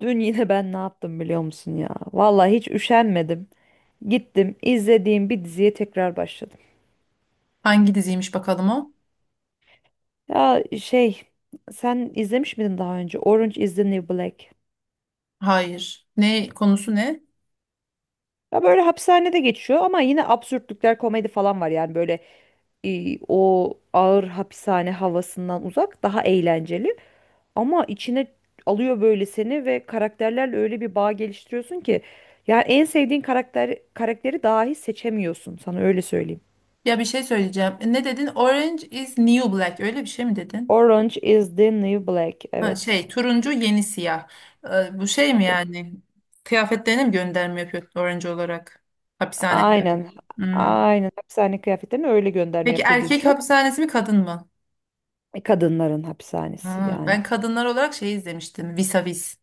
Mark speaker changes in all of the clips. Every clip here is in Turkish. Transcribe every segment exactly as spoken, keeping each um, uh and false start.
Speaker 1: Dün yine ben ne yaptım biliyor musun ya? Vallahi hiç üşenmedim. Gittim izlediğim bir diziye tekrar başladım.
Speaker 2: Hangi diziymiş bakalım o?
Speaker 1: Ya şey sen izlemiş miydin daha önce Orange is the New Black?
Speaker 2: Hayır. Ne konusu ne?
Speaker 1: Ya böyle hapishanede geçiyor ama yine absürtlükler komedi falan var yani böyle e, o ağır hapishane havasından uzak daha eğlenceli ama içine alıyor böyle seni ve karakterlerle öyle bir bağ geliştiriyorsun ki yani en sevdiğin karakter karakteri dahi seçemiyorsun sana öyle söyleyeyim.
Speaker 2: Ya bir şey söyleyeceğim. E, Ne dedin? Orange is new black. Öyle bir şey mi dedin?
Speaker 1: Orange is the New Black.
Speaker 2: Ha
Speaker 1: Evet.
Speaker 2: şey turuncu yeni siyah. E, bu şey mi yani? Kıyafetlerine mi gönderme yapıyor orange olarak? Hapishane kıyafeti.
Speaker 1: Aynen.
Speaker 2: Hmm.
Speaker 1: Aynen. Hapishane kıyafetlerine öyle gönderme
Speaker 2: Peki
Speaker 1: yapıyor diye
Speaker 2: erkek
Speaker 1: düşün.
Speaker 2: hapishanesi mi kadın mı?
Speaker 1: E, Kadınların hapishanesi
Speaker 2: Ha, ben
Speaker 1: yani.
Speaker 2: kadınlar olarak şey izlemiştim. Vis a Vis.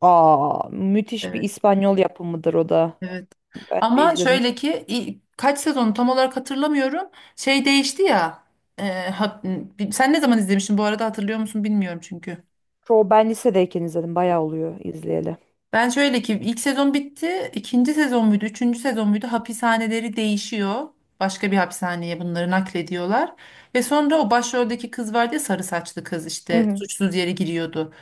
Speaker 1: Aa, müthiş bir
Speaker 2: Evet.
Speaker 1: İspanyol yapımıdır o da.
Speaker 2: Evet.
Speaker 1: Ben de
Speaker 2: Ama
Speaker 1: izledim.
Speaker 2: şöyle ki i- kaç sezonu tam olarak hatırlamıyorum. Şey değişti ya. e, ha- Sen ne zaman izlemiştin bu arada, hatırlıyor musun bilmiyorum çünkü.
Speaker 1: Çoğu ben lisedeyken izledim. Bayağı oluyor izleyeli.
Speaker 2: Ben şöyle ki ilk sezon bitti. İkinci sezon muydu? Üçüncü sezon muydu? Hapishaneleri değişiyor. Başka bir hapishaneye bunları naklediyorlar. Ve sonra o başroldeki kız vardı ya, sarı saçlı kız
Speaker 1: Hı
Speaker 2: işte
Speaker 1: hı.
Speaker 2: suçsuz yere giriyordu.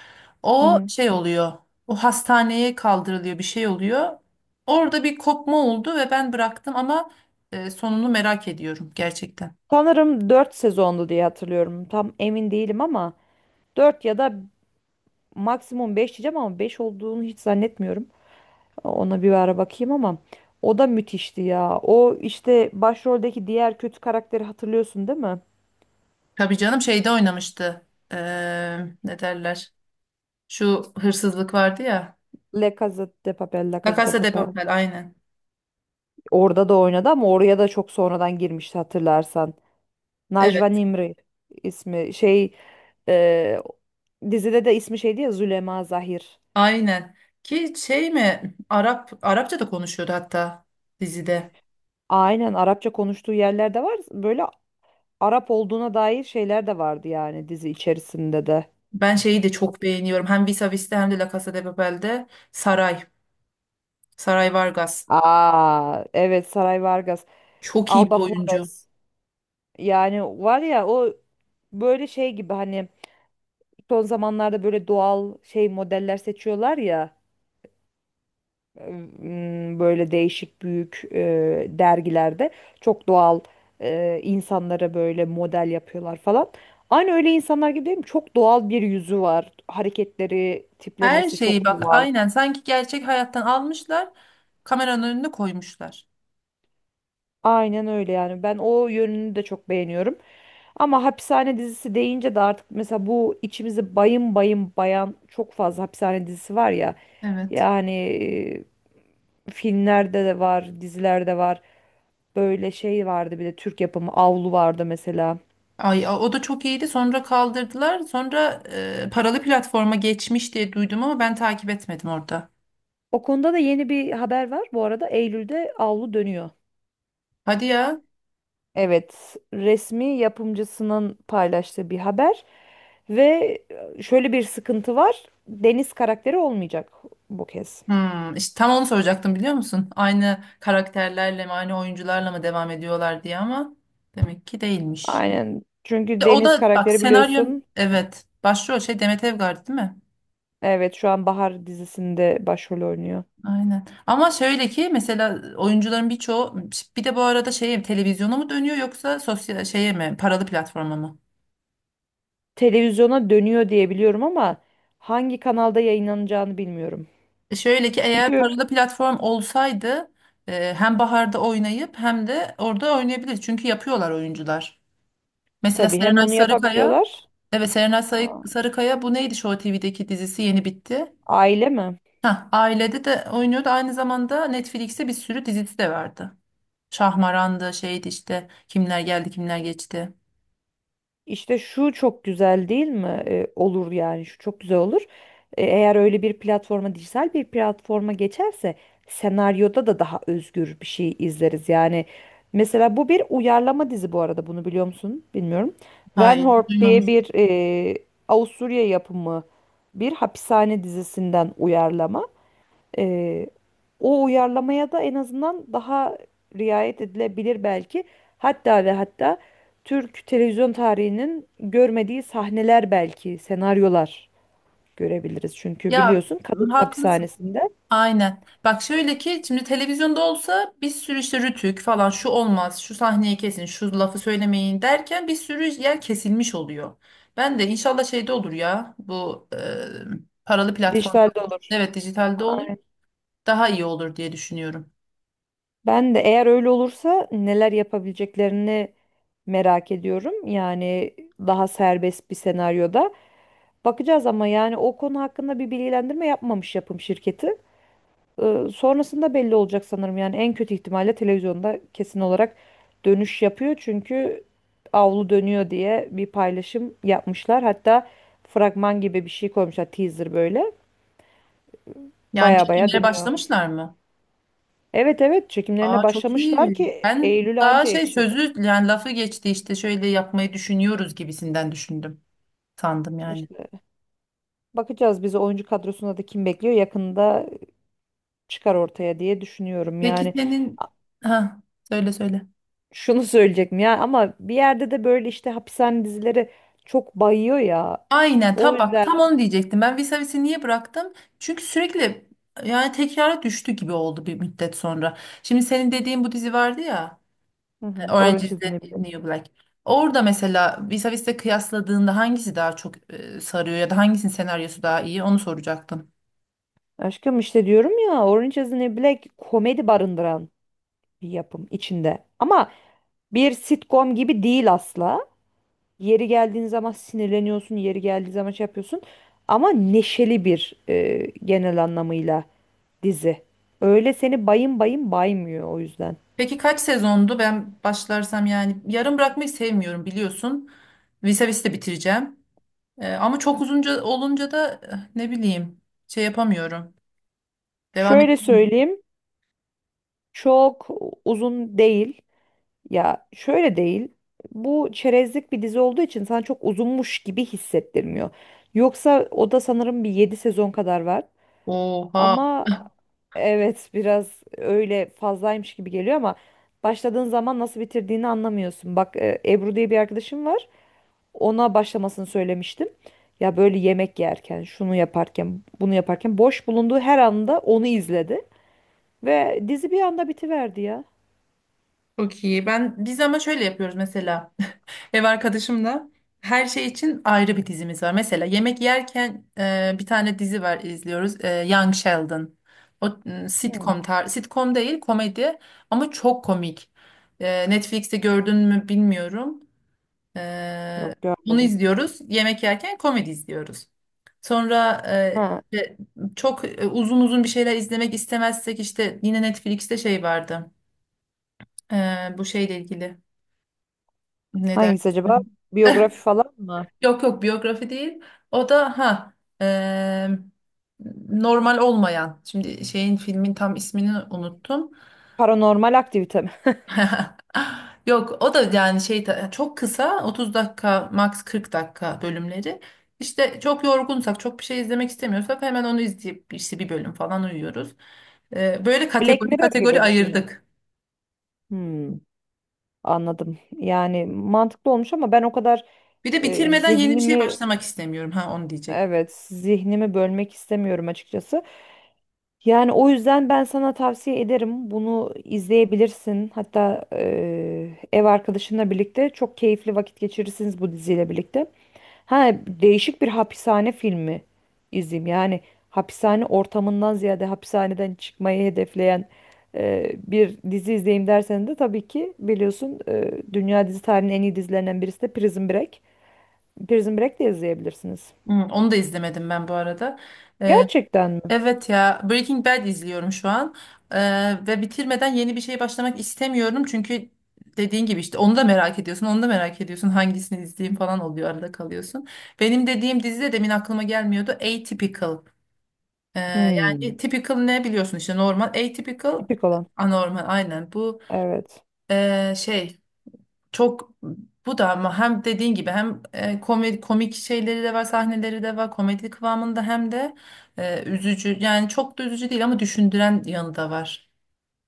Speaker 1: Hı
Speaker 2: O
Speaker 1: hı.
Speaker 2: şey oluyor. O hastaneye kaldırılıyor, bir şey oluyor. Orada bir kopma oldu ve ben bıraktım ama e, sonunu merak ediyorum gerçekten.
Speaker 1: Sanırım dört sezondu diye hatırlıyorum. Tam emin değilim ama dört ya da maksimum beş diyeceğim ama beş olduğunu hiç zannetmiyorum. Ona bir ara bakayım ama o da müthişti ya. O işte başroldeki diğer kötü karakteri hatırlıyorsun değil mi?
Speaker 2: Tabii canım şeyde oynamıştı. Eee, ne derler? Şu hırsızlık vardı ya.
Speaker 1: La Casa de Papel, La
Speaker 2: La
Speaker 1: Casa de
Speaker 2: Casa de
Speaker 1: Papel.
Speaker 2: Papel aynen.
Speaker 1: Orada da oynadı ama oraya da çok sonradan girmişti hatırlarsan. Najwa
Speaker 2: Evet,
Speaker 1: Nimri ismi şey e, dizide de ismi şeydi ya Züleyma Zahir.
Speaker 2: aynen. Ki şey mi? Arap Arapça da konuşuyordu hatta dizide.
Speaker 1: Aynen Arapça konuştuğu yerlerde var. Böyle Arap olduğuna dair şeyler de vardı yani dizi içerisinde de.
Speaker 2: Ben şeyi de çok beğeniyorum. Hem Vis a Vis'te hem de La Casa de Papel'de Saray. Saray Vargas.
Speaker 1: Aa evet Saray Vargas,
Speaker 2: Çok iyi bir
Speaker 1: Alba
Speaker 2: oyuncu.
Speaker 1: Flores. Yani var ya o böyle şey gibi hani son zamanlarda böyle doğal şey modeller seçiyorlar ya ım, böyle değişik büyük e, dergilerde çok doğal e, insanlara böyle model yapıyorlar falan. Aynı öyle insanlar gibi değil mi? Çok doğal bir yüzü var. Hareketleri,
Speaker 2: Her
Speaker 1: tiplemesi çok
Speaker 2: şeyi bak
Speaker 1: doğal.
Speaker 2: aynen sanki gerçek hayattan almışlar, kameranın önüne koymuşlar.
Speaker 1: Aynen öyle yani. Ben o yönünü de çok beğeniyorum. Ama hapishane dizisi deyince de artık mesela bu içimizi bayım bayım bayan çok fazla hapishane dizisi var ya.
Speaker 2: Evet.
Speaker 1: Yani e, filmlerde de var, dizilerde var. Böyle şey vardı bir de Türk yapımı Avlu vardı mesela.
Speaker 2: Ay a- o da çok iyiydi, sonra kaldırdılar, sonra e, paralı platforma geçmiş diye duydum ama ben takip etmedim orada.
Speaker 1: O konuda da yeni bir haber var. Bu arada Eylül'de Avlu dönüyor.
Speaker 2: Hadi ya.
Speaker 1: Evet, resmi yapımcısının paylaştığı bir haber ve şöyle bir sıkıntı var. Deniz karakteri olmayacak bu kez.
Speaker 2: Hmm, işte tam onu soracaktım biliyor musun? Aynı karakterlerle mi aynı oyuncularla mı devam ediyorlar diye, ama demek ki değilmiş.
Speaker 1: Aynen. Çünkü
Speaker 2: E, O
Speaker 1: Deniz
Speaker 2: da bak
Speaker 1: karakteri
Speaker 2: senaryon
Speaker 1: biliyorsun.
Speaker 2: evet başrol şey Demet Evgar değil mi?
Speaker 1: Evet, şu an Bahar dizisinde başrol oynuyor.
Speaker 2: Aynen. Ama şöyle ki mesela oyuncuların birçoğu, bir de bu arada şeye televizyona mı dönüyor yoksa sosyal şeye mi paralı platforma mı?
Speaker 1: Televizyona dönüyor diye biliyorum ama hangi kanalda yayınlanacağını bilmiyorum.
Speaker 2: E, Şöyle ki eğer
Speaker 1: Çünkü
Speaker 2: paralı platform olsaydı, e, hem baharda oynayıp hem de orada oynayabilir. Çünkü yapıyorlar oyuncular. Mesela
Speaker 1: tabii hem
Speaker 2: Serenay
Speaker 1: onu
Speaker 2: Sarıkaya,
Speaker 1: yapabiliyorlar.
Speaker 2: evet Serenay Sarı-
Speaker 1: Aa,
Speaker 2: Sarıkaya bu neydi Show T V'deki dizisi yeni bitti.
Speaker 1: Aile mi?
Speaker 2: Hah, ailede de oynuyordu. Aynı zamanda Netflix'te bir sürü dizisi de vardı. Şahmaran'dı şeydi işte, kimler geldi kimler geçti.
Speaker 1: İşte şu çok güzel değil mi? E, olur yani şu çok güzel olur. E, eğer öyle bir platforma, dijital bir platforma geçerse senaryoda da daha özgür bir şey izleriz. Yani mesela bu bir uyarlama dizi bu arada bunu biliyor musun? Bilmiyorum. Van
Speaker 2: Hayır,
Speaker 1: Hort
Speaker 2: duymamış.
Speaker 1: diye bir e, Avusturya yapımı bir hapishane dizisinden uyarlama. Ee, o uyarlamaya da en azından daha riayet edilebilir belki. Hatta ve hatta Türk televizyon tarihinin görmediği sahneler belki, senaryolar görebiliriz. Çünkü
Speaker 2: Ya
Speaker 1: biliyorsun kadın
Speaker 2: haklısın.
Speaker 1: hapishanesinde
Speaker 2: Aynen. Bak şöyle ki şimdi televizyonda olsa bir sürü işte Rütük falan şu olmaz, şu sahneyi kesin, şu lafı söylemeyin derken bir sürü yer kesilmiş oluyor. Ben de inşallah şeyde olur ya bu, e, paralı platformda
Speaker 1: dijitalde
Speaker 2: olur.
Speaker 1: olur.
Speaker 2: Evet dijitalde olur.
Speaker 1: Aynen.
Speaker 2: Daha iyi olur diye düşünüyorum.
Speaker 1: Ben de eğer öyle olursa neler yapabileceklerini merak ediyorum. Yani daha serbest bir senaryoda. Bakacağız ama yani o konu hakkında bir bilgilendirme yapmamış yapım şirketi. Ee, sonrasında belli olacak sanırım. Yani en kötü ihtimalle televizyonda kesin olarak dönüş yapıyor. Çünkü avlu dönüyor diye bir paylaşım yapmışlar. Hatta fragman gibi bir şey koymuşlar teaser böyle.
Speaker 2: Yani
Speaker 1: Baya baya
Speaker 2: çekimlere
Speaker 1: dönüyor.
Speaker 2: başlamışlar mı?
Speaker 1: Evet evet çekimlerine
Speaker 2: Aa çok
Speaker 1: başlamışlar
Speaker 2: iyi.
Speaker 1: ki
Speaker 2: Ben
Speaker 1: Eylül'e
Speaker 2: daha
Speaker 1: anca
Speaker 2: şey
Speaker 1: yetişir.
Speaker 2: sözü yani lafı geçti işte şöyle yapmayı düşünüyoruz gibisinden düşündüm. Sandım yani.
Speaker 1: İşte bakacağız bizi oyuncu kadrosunda da kim bekliyor yakında çıkar ortaya diye düşünüyorum.
Speaker 2: Peki
Speaker 1: Yani
Speaker 2: senin
Speaker 1: a-
Speaker 2: ha söyle söyle.
Speaker 1: şunu söyleyecektim ya ama bir yerde de böyle işte hapishane dizileri çok bayıyor ya.
Speaker 2: Aynen
Speaker 1: O
Speaker 2: tabak tam
Speaker 1: yüzden
Speaker 2: onu diyecektim. Ben Visavis'i niye bıraktım? Çünkü sürekli yani tekrara düştü gibi oldu bir müddet sonra. Şimdi senin dediğin bu dizi vardı ya,
Speaker 1: Hı hı.
Speaker 2: e, Orange
Speaker 1: Orange
Speaker 2: is
Speaker 1: is the
Speaker 2: the
Speaker 1: New Black.
Speaker 2: New Black. Orada mesela Visavis'le kıyasladığında hangisi daha çok e, sarıyor, ya da hangisinin senaryosu daha iyi onu soracaktım.
Speaker 1: Aşkım işte diyorum ya Orange is the New Black komedi barındıran bir yapım içinde. Ama bir sitcom gibi değil asla. Yeri geldiğin zaman sinirleniyorsun, yeri geldiği zaman şey yapıyorsun. Ama neşeli bir e, genel anlamıyla dizi. Öyle seni bayım bayım baymıyor o yüzden.
Speaker 2: Peki kaç sezondu? Ben başlarsam yani yarım bırakmayı sevmiyorum biliyorsun. Visavis'i de bitireceğim. E, ama çok uzunca olunca da eh, ne bileyim şey yapamıyorum. Devam
Speaker 1: Şöyle
Speaker 2: edemiyorum.
Speaker 1: söyleyeyim, çok uzun değil. Ya şöyle değil. Bu çerezlik bir dizi olduğu için sana çok uzunmuş gibi hissettirmiyor. Yoksa o da sanırım bir yedi sezon kadar var.
Speaker 2: Oha
Speaker 1: Ama evet biraz öyle fazlaymış gibi geliyor ama başladığın zaman nasıl bitirdiğini anlamıyorsun. Bak e, Ebru diye bir arkadaşım var. Ona başlamasını söylemiştim. Ya böyle yemek yerken, şunu yaparken, bunu yaparken boş bulunduğu her anda onu izledi ve dizi bir anda bitiverdi ya.
Speaker 2: çok iyi. Ben biz ama şöyle yapıyoruz mesela. Ev arkadaşımla her şey için ayrı bir dizimiz var. Mesela yemek yerken e, bir tane dizi var izliyoruz. E, Young Sheldon. O m,
Speaker 1: Hmm,
Speaker 2: sitcom tar sitcom değil komedi ama çok komik. E, Netflix'te gördün mü bilmiyorum. Ee,
Speaker 1: yok
Speaker 2: Bunu
Speaker 1: görmedim.
Speaker 2: izliyoruz. Yemek yerken komedi izliyoruz. Sonra e,
Speaker 1: Ha.
Speaker 2: işte çok e, uzun uzun bir şeyler izlemek istemezsek işte yine Netflix'te şey vardı. Ee, bu şeyle ilgili. Ne
Speaker 1: Hangisi acaba?
Speaker 2: dersin?
Speaker 1: Biyografi falan mı?
Speaker 2: Yok yok biyografi değil. O da ha e, normal olmayan. Şimdi şeyin filmin tam ismini unuttum.
Speaker 1: Paranormal aktivite mi?
Speaker 2: Yok o da yani şey ta- çok kısa otuz dakika max kırk dakika bölümleri. İşte çok yorgunsak, çok bir şey izlemek istemiyorsak, hemen onu izleyip işte bir bölüm falan uyuyoruz. Ee, böyle
Speaker 1: Black
Speaker 2: kategori
Speaker 1: Mirror
Speaker 2: kategori
Speaker 1: gibi bir şey mi?
Speaker 2: ayırdık.
Speaker 1: Hmm, anladım. Yani mantıklı olmuş ama ben o kadar
Speaker 2: Bir de
Speaker 1: e,
Speaker 2: bitirmeden yeni bir şey
Speaker 1: zihnimi
Speaker 2: başlamak istemiyorum ha onu diyecek.
Speaker 1: evet zihnimi bölmek istemiyorum açıkçası. Yani o yüzden ben sana tavsiye ederim. Bunu izleyebilirsin. Hatta eee, ev arkadaşınla birlikte çok keyifli vakit geçirirsiniz bu diziyle birlikte. Ha değişik bir hapishane filmi izleyeyim. Yani hapishane ortamından ziyade hapishaneden çıkmayı hedefleyen eee, bir dizi izleyeyim dersen de tabii ki biliyorsun eee, dünya dizi tarihinin en iyi dizilerinden birisi de Prison Break. Prison Break de izleyebilirsiniz.
Speaker 2: Hı, onu da izlemedim ben bu arada. Ee,
Speaker 1: Gerçekten mi?
Speaker 2: Evet ya, Breaking Bad izliyorum şu an. Ee, ve bitirmeden yeni bir şey başlamak istemiyorum çünkü dediğin gibi işte onu da merak ediyorsun, onu da merak ediyorsun, hangisini izleyeyim falan oluyor, arada kalıyorsun. Benim dediğim dizi de demin aklıma gelmiyordu, Atypical. Ee,
Speaker 1: Hmm.
Speaker 2: Yani typical ne biliyorsun işte normal, atypical
Speaker 1: Tipik olan.
Speaker 2: anormal aynen bu
Speaker 1: Evet.
Speaker 2: ee, şey. Çok, bu da ama hem dediğin gibi hem e, komik, komik şeyleri de var, sahneleri de var, komedi kıvamında, hem de e, üzücü. Yani çok da üzücü değil ama düşündüren yanı da var.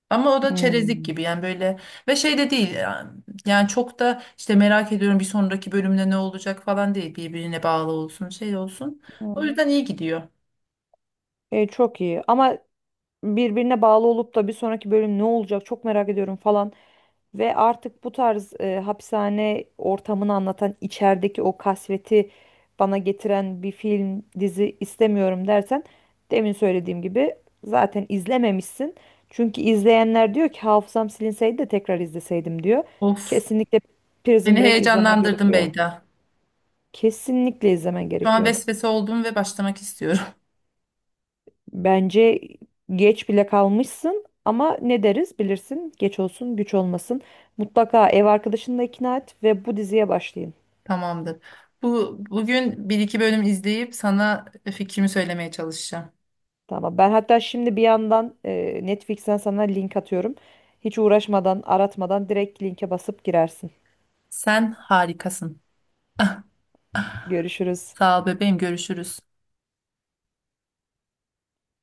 Speaker 2: Ama o da çerezlik
Speaker 1: Hmm.
Speaker 2: gibi yani böyle, ve şey de değil yani, yani çok da işte merak ediyorum bir sonraki bölümde ne olacak falan değil, birbirine bağlı olsun şey olsun. O
Speaker 1: Hı.
Speaker 2: yüzden iyi gidiyor.
Speaker 1: E, çok iyi ama birbirine bağlı olup da bir sonraki bölüm ne olacak çok merak ediyorum falan ve artık bu tarz e, hapishane ortamını anlatan içerideki o kasveti bana getiren bir film dizi istemiyorum dersen demin söylediğim gibi zaten izlememişsin. Çünkü izleyenler diyor ki hafızam silinseydi de tekrar izleseydim diyor.
Speaker 2: Of
Speaker 1: Kesinlikle Prison
Speaker 2: beni
Speaker 1: Break izlemen
Speaker 2: heyecanlandırdın
Speaker 1: gerekiyor.
Speaker 2: Beyda.
Speaker 1: Kesinlikle izlemen
Speaker 2: Şu an
Speaker 1: gerekiyor.
Speaker 2: vesvese oldum ve başlamak istiyorum.
Speaker 1: Bence geç bile kalmışsın ama ne deriz bilirsin geç olsun güç olmasın. Mutlaka ev arkadaşını da ikna et ve bu diziye başlayın.
Speaker 2: Tamamdır. Bu bugün bir iki bölüm izleyip sana fikrimi söylemeye çalışacağım.
Speaker 1: Tamam ben hatta şimdi bir yandan e, Netflix'ten sana link atıyorum. Hiç uğraşmadan aratmadan direkt linke basıp girersin.
Speaker 2: Sen harikasın.
Speaker 1: Görüşürüz.
Speaker 2: Sağ ol bebeğim, görüşürüz.